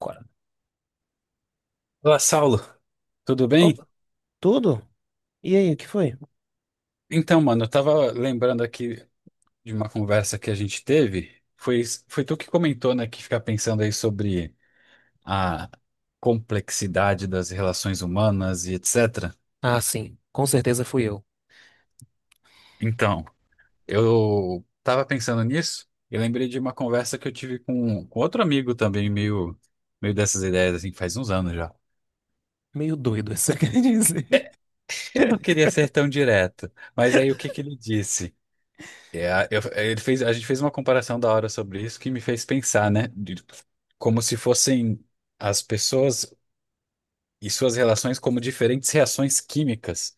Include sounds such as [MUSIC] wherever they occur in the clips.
Agora. Olá, Saulo, tudo bem? Opa, tudo? E aí, o que foi? Então, mano, eu tava lembrando aqui de uma conversa que a gente teve. Foi tu que comentou, né, que ficar pensando aí sobre a complexidade das relações humanas e etc. Ah, sim, com certeza fui eu. Então, eu tava pensando nisso e lembrei de uma conversa que eu tive com outro amigo também, meio dessas ideias, assim, faz uns anos já. Meio doido, [LAUGHS] isso quer dizer. [LAUGHS] Eu não queria ser [LAUGHS] tão direto, mas aí o que que ele disse? Ele fez, a gente fez uma comparação da hora sobre isso que me fez pensar, né? De, como se fossem as pessoas e suas relações como diferentes reações químicas,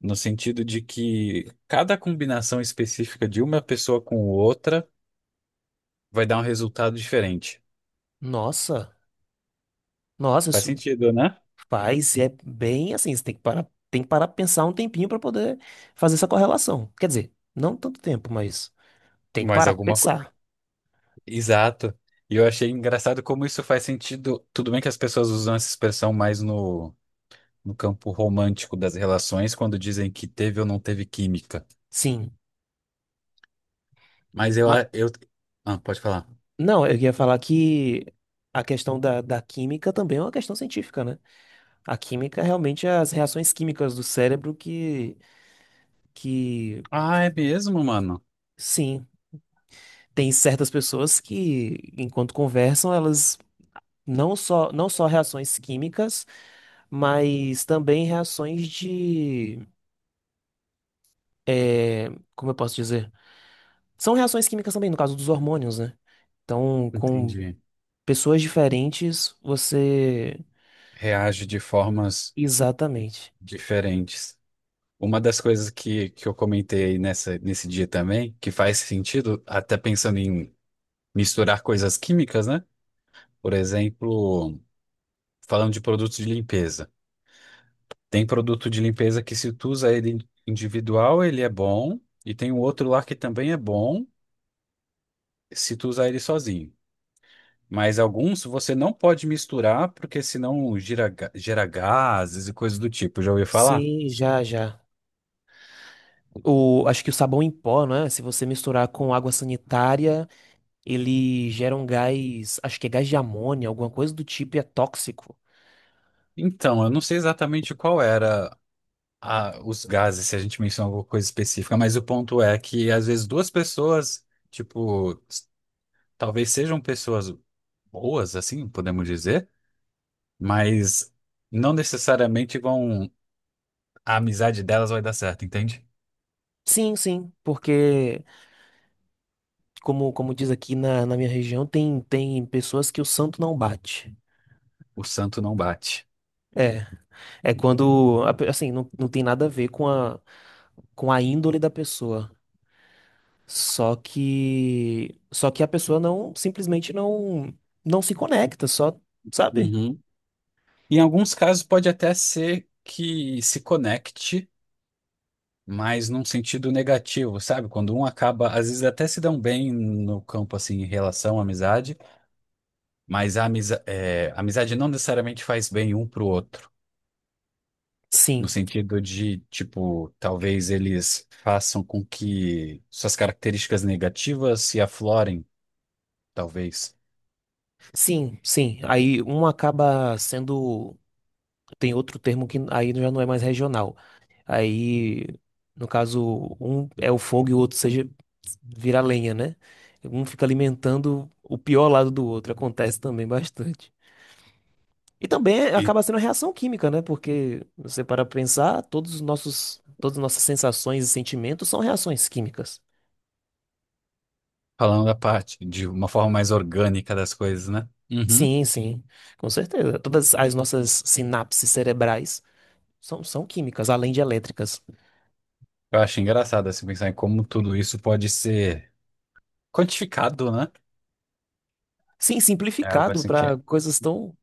no sentido de que cada combinação específica de uma pessoa com outra vai dar um resultado diferente. Nossa, nossa, Faz isso sentido, né? faz, é bem assim, você tem que parar pra pensar um tempinho pra poder fazer essa correlação. Quer dizer, não tanto tempo, mas tem que Mas parar pra alguma coisa. pensar. Exato. E eu achei engraçado como isso faz sentido. Tudo bem que as pessoas usam essa expressão mais no campo romântico das relações, quando dizem que teve ou não teve química. Sim. Mas eu, Ma- a- eu... Ah, pode falar. não, eu ia falar que a questão da química também é uma questão científica, né? A química realmente é as reações químicas do cérebro que, Ah, é mesmo, mano? sim. Tem certas pessoas que, enquanto conversam, elas não só reações químicas, mas também reações de, é, como eu posso dizer? São reações químicas também, no caso dos hormônios, né? Então, com Entendi. pessoas diferentes, você. Reage de formas Exatamente. diferentes. Uma das coisas que eu comentei aí nesse dia também, que faz sentido, até pensando em misturar coisas químicas, né? Por exemplo, falando de produtos de limpeza. Tem produto de limpeza que se tu usa ele individual, ele é bom, e tem um outro lá que também é bom, se tu usar ele sozinho. Mas alguns você não pode misturar, porque senão gira, gera gases e coisas do tipo. Já ouviu falar? Sim, já, já. O, acho que o sabão em pó, né? Se você misturar com água sanitária, ele gera um gás, acho que é gás de amônia, alguma coisa do tipo, e é tóxico. Então, eu não sei exatamente qual era os gases, se a gente mencionou alguma coisa específica, mas o ponto é que às vezes duas pessoas, tipo, talvez sejam pessoas boas, assim, podemos dizer, mas não necessariamente vão, a amizade delas vai dar certo, entende? Sim, sim, porque como diz aqui na minha região, tem pessoas que o santo não bate. O santo não bate. É, é quando, assim, não tem nada a ver com a índole da pessoa. Só que a pessoa não, simplesmente não se conecta, só, sabe? Uhum. Em alguns casos pode até ser que se conecte, mas num sentido negativo, sabe? Quando um acaba, às vezes até se dão bem no campo assim em relação à amizade, mas a amizade não necessariamente faz bem um pro outro. No Sim, sentido de, tipo, talvez eles façam com que suas características negativas se aflorem, talvez. Sim. Aí um acaba sendo, tem outro termo que aí já não é mais regional. Aí, no caso, um é o fogo e o outro seja vira lenha, né? Um fica alimentando o pior lado do outro. Acontece também bastante. E também E acaba sendo reação química, né? Porque você para pensar, todas as nossas sensações e sentimentos são reações químicas. falando da parte de uma forma mais orgânica das coisas, né? Uhum. Sim, sim, com certeza. Todas as nossas sinapses cerebrais são químicas, além de elétricas. Eu acho engraçado assim pensar em como tudo isso pode ser quantificado, né? Sim, É algo simplificado assim para que, coisas tão,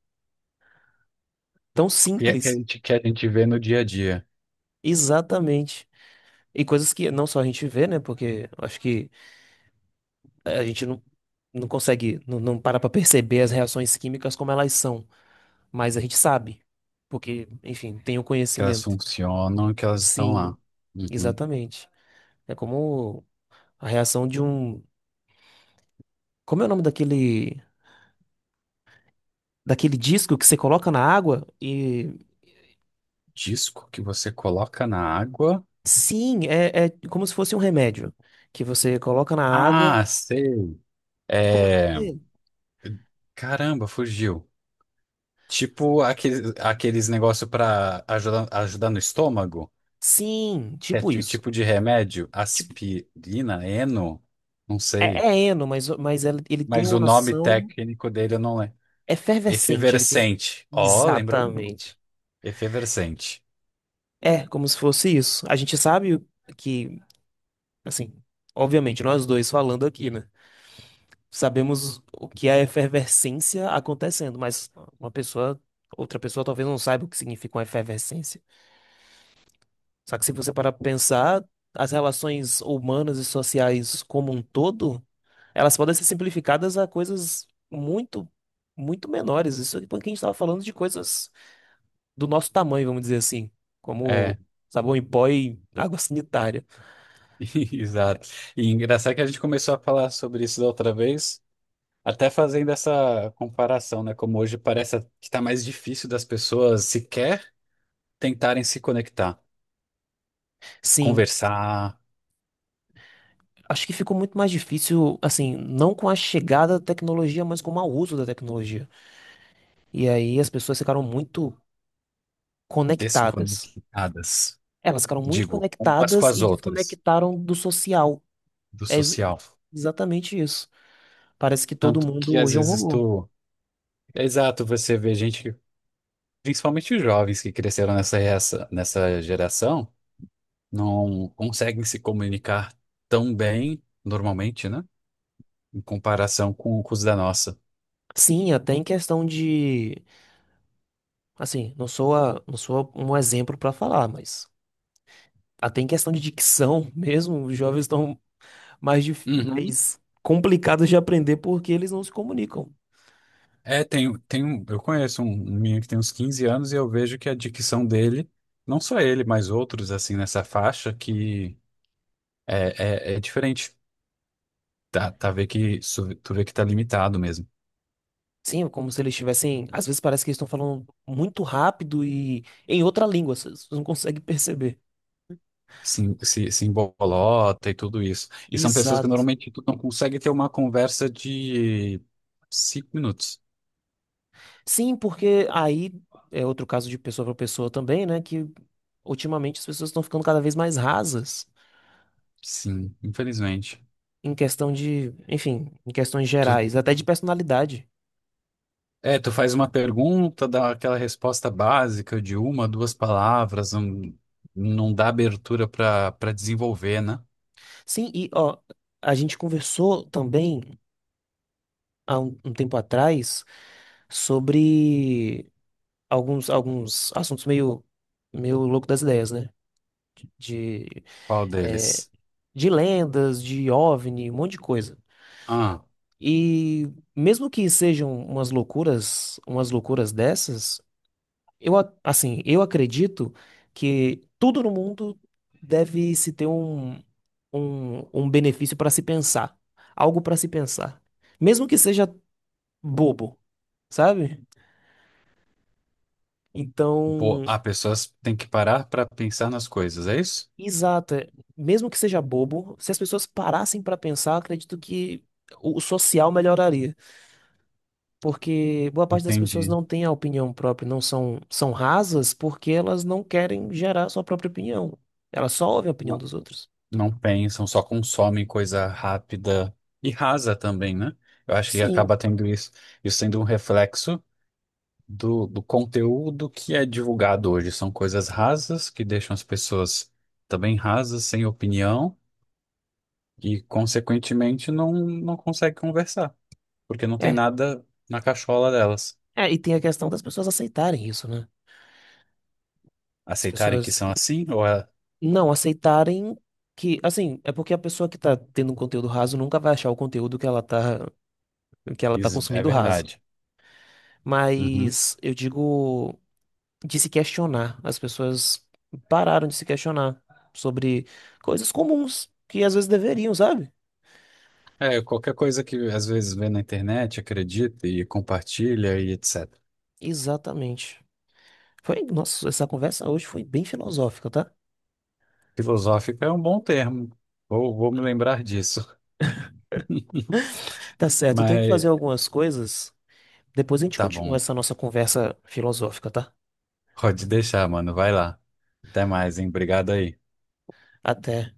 tão que a que a simples. gente, que a gente vê no dia a dia, Exatamente. E coisas que não só a gente vê, né? Porque eu acho que a gente não, não consegue, não para pra perceber as reações químicas como elas são. Mas a gente sabe. Porque, enfim, tem o que elas conhecimento. funcionam, que elas estão Sim, lá. Uhum. exatamente. É como a reação de um. Como é o nome daquele. Daquele disco que você coloca na água e. Disco que você coloca na água. Sim, é, é como se fosse um remédio. Que você coloca na água. Ah, sei. Como é o nome É... dele? Caramba, fugiu. Tipo aqueles negócios para ajudar no estômago, Sim, que é tipo um isso. tipo de remédio, Tipo, aspirina, eno, não é, sei. é eno, mas, mas ele tem Mas o uma nome ação. técnico dele eu não lembro. É efervescente, ele tem um... Efervescente. Ó, lembra o nome. Exatamente. Efervescente. É, como se fosse isso. A gente sabe que, assim, obviamente, nós dois falando aqui, né? Sabemos o que é a efervescência acontecendo, mas uma pessoa, outra pessoa talvez não saiba o que significa uma efervescência. Só que se você parar para pensar, as relações humanas e sociais como um todo, elas podem ser simplificadas a coisas muito, muito menores. Isso é porque a gente estava falando de coisas do nosso tamanho, vamos dizer assim, como É, sabão em pó e água sanitária. [LAUGHS] exato. E engraçado que a gente começou a falar sobre isso da outra vez, até fazendo essa comparação, né? Como hoje parece que tá mais difícil das pessoas sequer tentarem se conectar, Sim, conversar acho que ficou muito mais difícil, assim, não com a chegada da tecnologia, mas com o mau uso da tecnologia. E aí as pessoas ficaram muito conectadas. desconectadas, Elas ficaram muito digo, umas com conectadas as e outras, desconectaram do social. do É ex- social. Exatamente isso. Parece que todo Tanto mundo que às hoje é um vezes robô. tu. É, exato, você vê gente, principalmente os jovens que cresceram nessa geração, não conseguem se comunicar tão bem, normalmente, né? Em comparação com os da nossa. Sim, até em questão de, assim, não sou um exemplo para falar, mas até em questão de dicção [LAUGHS] mesmo, os jovens estão Uhum. mais complicadas de aprender porque eles não se comunicam. É, tem um, eu conheço um menino que tem uns 15 anos e eu vejo que a dicção dele, não só ele, mas outros, assim, nessa faixa, que é diferente. Tu vê que tá limitado mesmo. Sim, é como se eles estivessem. Às vezes parece que eles estão falando muito rápido e em outra língua, você não consegue [LAUGHS] perceber. Se embolota e tudo isso. E são pessoas que Exato. normalmente tu não consegue ter uma conversa de cinco minutos. Sim, porque aí é outro caso de pessoa para pessoa também, né? Que ultimamente as pessoas estão ficando cada vez mais rasas Sim, infelizmente. em questão de, enfim, em questões Tu gerais, até de personalidade. Tu faz uma pergunta, dá aquela resposta básica de uma, duas palavras, não dá abertura para desenvolver, né? Sim, e ó, a gente conversou também há um tempo atrás sobre alguns assuntos meio, meio louco das ideias, né? De, Qual é, deles? de lendas, de OVNI, um monte de coisa. Ah, E mesmo que sejam umas loucuras dessas, assim, eu acredito que tudo no mundo deve se ter um benefício para se pensar, algo para se pensar, mesmo que seja bobo, sabe? boa. Então, Ah, pessoas têm que parar para pensar nas coisas, é isso? exato. É. Mesmo que seja bobo, se as pessoas parassem para pensar, acredito que o social melhoraria, porque boa parte das pessoas Entendi. não tem a opinião própria, não são rasas porque elas não querem gerar sua própria opinião. Elas só ouvem a opinião Não, dos outros. não pensam, só consomem coisa rápida e rasa também, né? Eu acho que Sim, acaba tendo isso sendo um reflexo do conteúdo que é divulgado hoje. São coisas rasas que deixam as pessoas também rasas, sem opinião. E, consequentemente, não consegue conversar, porque não tem é. nada na cachola delas. É, e tem a questão das pessoas aceitarem isso, né? As Aceitarem que pessoas são assim ou é, não aceitarem que, assim, é porque a pessoa que tá tendo um conteúdo raso nunca vai achar o conteúdo que ela tá é consumindo raso. verdade? Uhum. Mas eu digo de se questionar. As pessoas pararam de se questionar sobre coisas comuns que às vezes deveriam, sabe? É, qualquer coisa que às vezes vê na internet, acredita e compartilha e etc. Exatamente. Foi, nossa, essa conversa hoje foi bem filosófica, tá? Filosófico é um bom termo. Vou me lembrar disso. [LAUGHS] Tá certo, eu tenho que Mas fazer algumas coisas. Depois a gente tá continua bom, essa nossa conversa filosófica, tá? pode deixar, mano. Vai lá. Até mais, hein? Obrigado aí. Até.